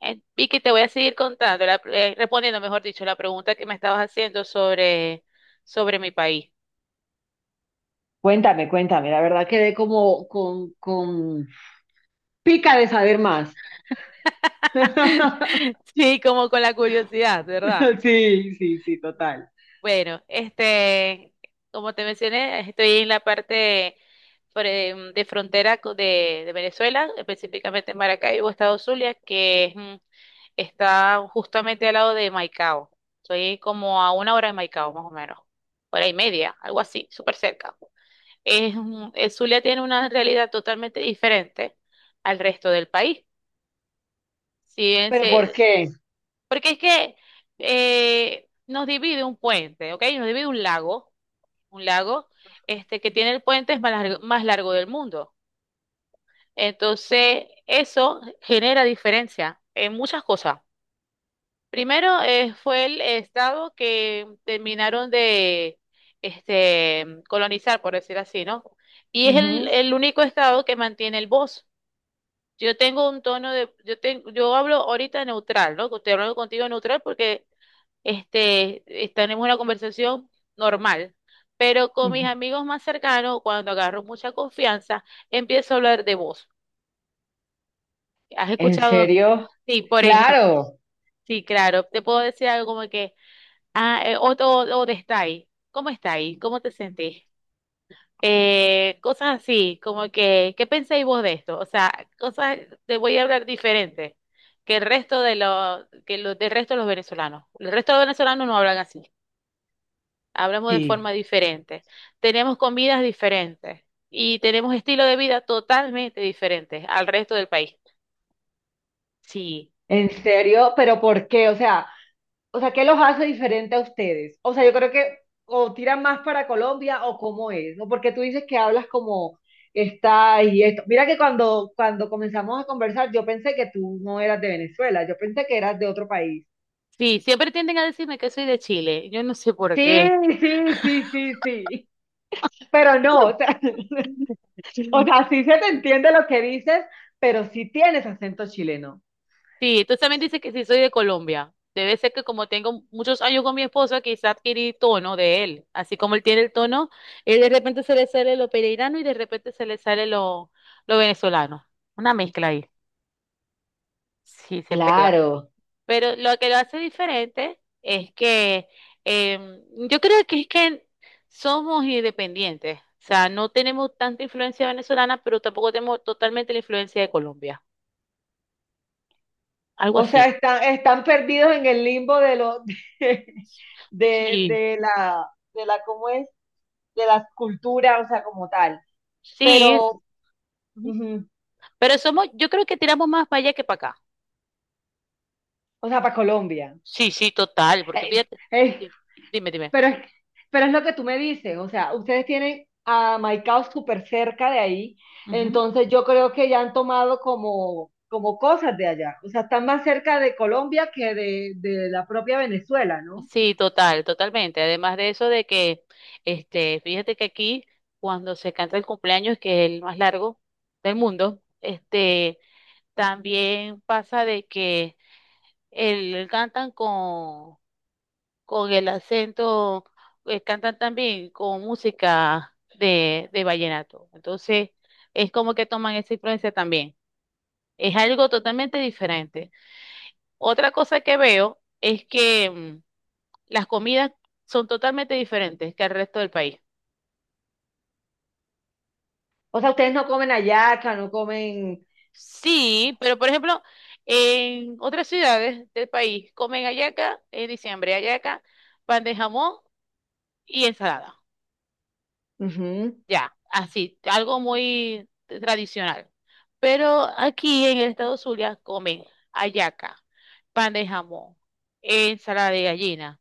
Vicky, te voy a seguir contando, respondiendo, mejor dicho, la pregunta que me estabas haciendo sobre mi país. Cuéntame, cuéntame, la verdad quedé como con pica de saber más. Sí, como con la curiosidad, ¿verdad? Pero sí, sí, sí, total. Bueno, como te mencioné, estoy en la parte de frontera de Venezuela, específicamente en Maracaibo, estado Zulia, que está justamente al lado de Maicao. Estoy como a una hora de Maicao, más o menos, hora y media, algo así, súper cerca. El Zulia tiene una realidad totalmente diferente al resto del país. Si bien ¿Pero por se- qué? porque es que nos divide un puente, ¿ok? Nos divide un lago, un lago que tiene el puente más largo del mundo. Entonces, eso genera diferencia en muchas cosas. Primero fue el estado que terminaron de colonizar, por decir así, ¿no? Y es el, Ujú, el único estado que mantiene el bosque. Yo tengo un tono de, yo tengo, yo hablo ahorita neutral, ¿no? Estoy hablando contigo neutral porque tenemos una conversación normal. Pero con mis ujú. amigos más cercanos, cuando agarro mucha confianza, empiezo a hablar de voz. ¿Has ¿En escuchado? serio? Sí, por ejemplo, Claro, sí, claro. Te puedo decir algo como que, o de está ahí. ¿Cómo está ahí? ¿Cómo te sentís? Cosas así, como que, ¿qué pensáis vos de esto? O sea, cosas, te voy a hablar diferente que el resto de los, que los, del resto de los venezolanos. El resto de los venezolanos no hablan así, hablamos de forma sí. diferente, tenemos comidas diferentes y tenemos estilo de vida totalmente diferentes al resto del país. Sí, ¿En serio? ¿Pero por qué? O sea, ¿qué los hace diferente a ustedes? O sea, yo creo que o tiran más para Colombia o cómo es, ¿no? Porque tú dices que hablas como está y esto. Mira que cuando comenzamos a conversar, yo pensé que tú no eras de Venezuela, yo pensé que eras de otro país. sí, siempre tienden a decirme que soy de Chile, yo no sé por Sí, qué. sí, sí, sí. Pero no, o sea, o sea, sí se te entiende lo que dices, pero sí tienes acento chileno. Sí, tú también dices que sí soy de Colombia. Debe ser que como tengo muchos años con mi esposo, quizá adquirí tono de él. Así como él tiene el tono, él de repente se le sale lo pereirano y de repente se le sale lo venezolano. Una mezcla ahí. Sí, se pega. Claro. Pero lo que lo hace diferente es que em, yo creo que es que somos independientes. O sea, no tenemos tanta influencia venezolana, pero tampoco tenemos totalmente la influencia de Colombia. Algo O sea, así. están perdidos en el limbo de lo de, de, Sí, de la de la cómo es de las culturas, o sea, como tal. sí. Pero, es- ujú, Pero yo creo que tiramos más para allá que para acá. o sea, para Colombia. Sí, sí, total, porque fíjate. Sí, dime, dime. Pero es, pero es lo que tú me dices, o sea, ustedes tienen a Maicao súper cerca de ahí, Ujú. entonces yo creo que ya han tomado como, como cosas de allá, o sea, están más cerca de Colombia que de la propia Venezuela, ¿no? Sí, total, totalmente. Además de eso de que, fíjate que aquí, cuando se canta el cumpleaños, que es el más largo del mundo, también pasa de que cantan con el acento, cantan también con música de vallenato. Entonces, es como que toman esa influencia también. Es algo totalmente diferente. Otra cosa que veo es que las comidas son totalmente diferentes que el resto del país. O sea, ustedes no comen hallaca, no comen... Sí, pero por ejemplo, en otras ciudades del país comen hallaca en diciembre, hallaca, pan de jamón y ensalada. Ujú. Ya, así, algo muy tradicional. Pero aquí en el estado Zulia comen hallaca, pan de jamón, ensalada de gallina,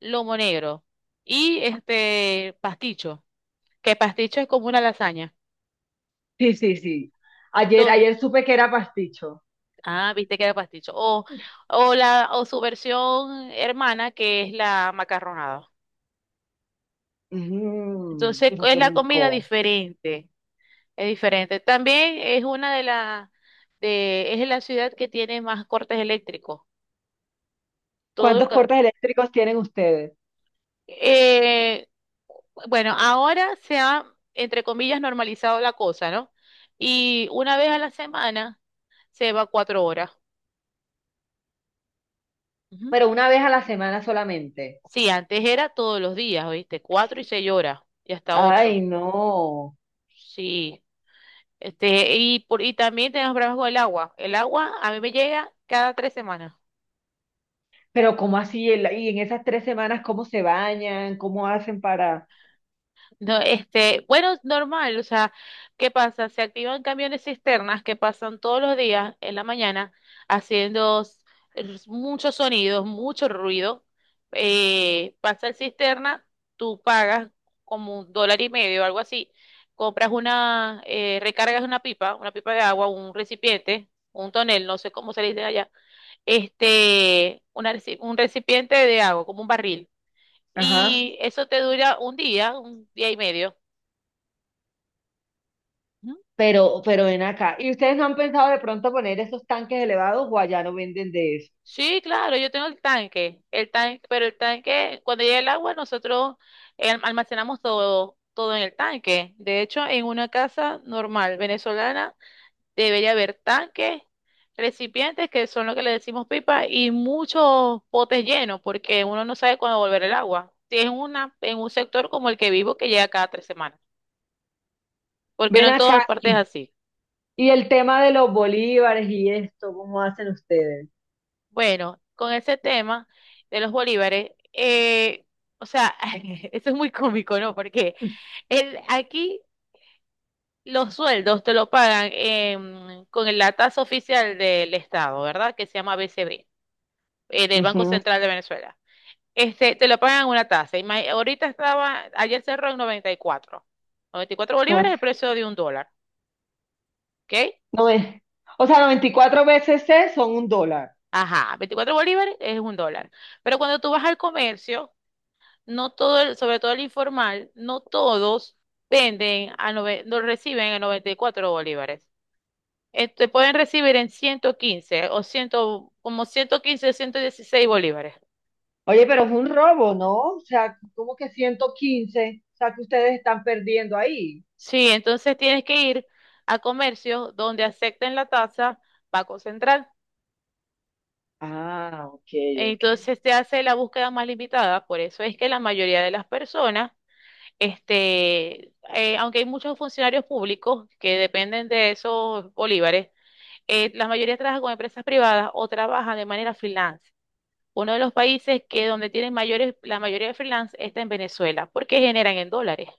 lomo negro y pasticho, que pasticho es como una lasaña. Sí, sí, sí. Ayer, Todo. ayer supe que era pasticho. Ah, viste que era pasticho. O su versión hermana, que es la macarronada. Ujú, Entonces, pero es qué la comida rico. diferente. Es diferente. También es una de las de es la ciudad que tiene más cortes eléctricos. Todo ¿Cuántos ca- cortes eléctricos tienen ustedes? eh, bueno, ahora se ha entre comillas normalizado la cosa, ¿no? Y una vez a la semana se va 4 horas. Ujú. Pero una vez a la semana solamente. Sí, antes era todos los días, ¿oíste? 4 y 6 horas y hasta 8. Ay, no. Sí. Y también tenemos problemas con el agua. El agua a mí me llega cada 3 semanas. Pero ¿cómo así? El- Y en esas tres semanas, ¿cómo se bañan? ¿Cómo hacen para...? No, bueno, es normal, o sea, ¿qué pasa? Se activan camiones cisternas que pasan todos los días en la mañana haciendo muchos sonidos, mucho ruido. Pasa el cisterna, tú pagas como un dólar y medio o algo así, recargas una pipa de agua, un recipiente, un tonel, no sé cómo se le dice allá, un recipiente de agua, como un barril. Ajá. Y eso te dura un día y medio. Ujú. Pero ven acá. ¿Y ustedes no han pensado de pronto poner esos tanques elevados o allá no venden de eso? Sí, claro, yo tengo el tanque, pero el tanque, cuando llega el agua, nosotros almacenamos todo, todo en el tanque. De hecho, en una casa normal venezolana debería haber tanques, recipientes, que son lo que le decimos pipa, y muchos potes llenos, porque uno no sabe cuándo volver el agua. Si es en un sector como el que vivo, que llega cada 3 semanas, porque no Ven en todas acá. partes es Y así. y el tema de los bolívares y esto, ¿cómo hacen ustedes? Bueno, con ese tema de los bolívares, o sea, eso es muy cómico, ¿no? Porque aquí los sueldos te lo pagan con la tasa oficial del Estado, ¿verdad? Que se llama BCB, del Banco Ujú. Central de Venezuela. Te lo pagan una tasa. Ayer cerró en 94. 94 No, bolívares es el precio de un dólar, ¿ok? no es. O sea, 94 veces C son un dólar. Ajá, 24 bolívares es un dólar. Pero cuando tú vas al comercio no todo el- sobre todo el informal, no todos venden a nove- no reciben a 94 bolívares. Pueden recibir en 115 o 100, como 115 116 bolívares. Oye, pero es un robo, ¿no? O sea, ¿cómo que ciento quince? O sea, que ustedes están perdiendo ahí. Sí, entonces tienes que ir a comercios donde acepten la tasa Banco Central. Ah, ok. Entonces te hace la búsqueda más limitada, por eso es que la mayoría de las personas, aunque hay muchos funcionarios públicos que dependen de esos bolívares, la mayoría trabaja con empresas privadas o trabaja de manera freelance. Uno de los países que donde tienen mayores, la mayoría de freelance está en Venezuela, porque generan en dólares.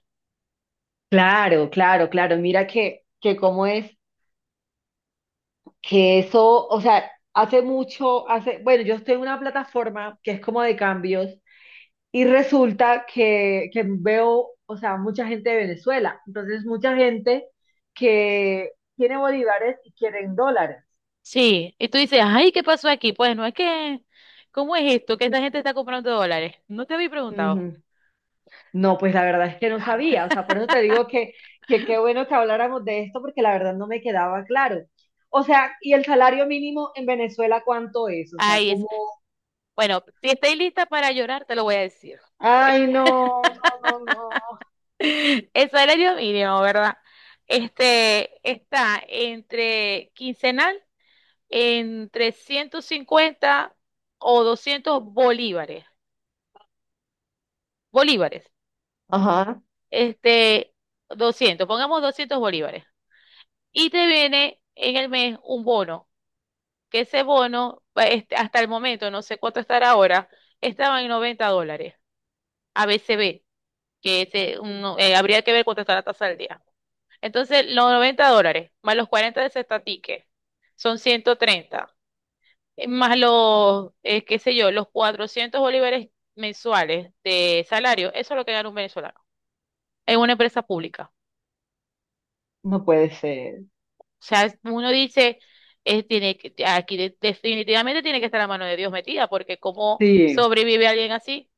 Claro, claro, claro. Mira que cómo es que eso, o sea, hace mucho, hace, bueno, yo estoy en una plataforma que es como de cambios y resulta que veo, o sea, mucha gente de Venezuela. Entonces, mucha gente que tiene bolívares y quieren dólares. Sí, y tú dices, ay, ¿qué pasó aquí? Pues no es que, ¿cómo es esto? Que esta gente está comprando dólares. No te había preguntado. Ujú. No, pues la verdad es que no sabía. O sea, por eso te digo que qué bueno que habláramos de esto porque la verdad no me quedaba claro. O sea, ¿y el salario mínimo en Venezuela cuánto es? O sea, Ay es. ¿cómo? Bueno, si estáis lista para llorar, te lo voy a decir. Ay, no, no, no, no. El salario mínimo, ¿verdad? Está entre quincenal entre 50 o 200 bolívares. Bolívares. Ajá, Este, doscientos pongamos 200 bolívares. Y te viene en el mes un bono, que ese bono, hasta el momento, no sé cuánto estará ahora, estaba en $90, a ABCB, habría que ver cuánto está la tasa del día. Entonces, los $90, más los 40 de ese estatique, son 130 más qué sé yo, los 400 bolívares mensuales de salario, eso es lo que gana un venezolano en una empresa pública. no puede ser. O sea, uno dice, aquí definitivamente tiene que estar la mano de Dios metida, porque ¿cómo Sí, sobrevive alguien así?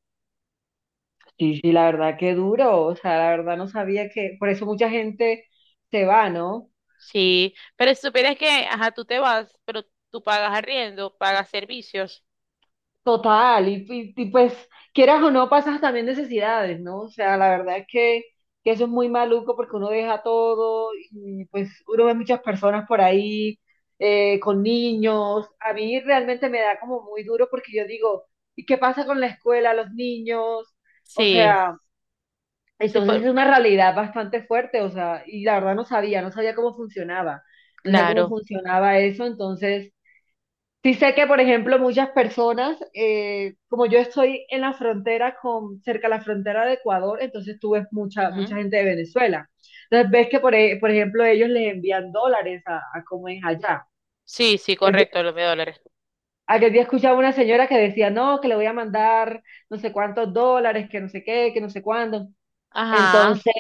sí, sí, la verdad que duro. O sea, la verdad no sabía que, por eso mucha gente se va, ¿no? Sí, pero si supieras que, ajá, tú te vas, pero tú pagas arriendo, pagas servicios. Total, y pues quieras o no, pasas también necesidades, ¿no? O sea, la verdad es que eso es muy maluco porque uno deja todo y pues uno ve muchas personas por ahí con niños. A mí realmente me da como muy duro porque yo digo, ¿y qué pasa con la escuela, los niños? O Sí, sea... sí, Entonces es una realidad bastante fuerte, o sea, y la verdad no sabía, no sabía cómo claro. funcionaba eso, entonces sí sé que, por ejemplo, muchas personas, como yo estoy en la frontera con, cerca de la frontera de Ecuador, entonces tú ves mucha, mucha Ujú. gente de Venezuela. Entonces ves que, por, e- por ejemplo, ellos les envían dólares a cómo es allá. Sí, sí, El día- correcto, los $1,000. Aquel día escuchaba una señora que decía, no, que le voy a mandar no sé cuántos dólares, que no sé qué, que no sé cuándo. Ajá. Entonces,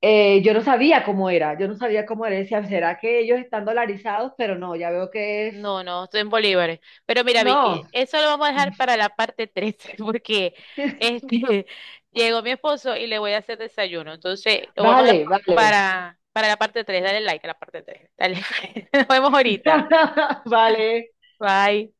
yo no sabía cómo era, yo no sabía cómo era. Decía, ¿será que ellos están dolarizados? Pero no, ya veo que es. No, no, estoy en bolívares. Pero mira, Vicky, No, eso lo vamos a dejar para la parte 13, porque este, llegó mi esposo y le voy a hacer desayuno. Entonces, lo vamos a dejar vale, vale. para la parte 3. Dale like a la parte 3. Dale, nos vemos ahorita. Vale. Bye.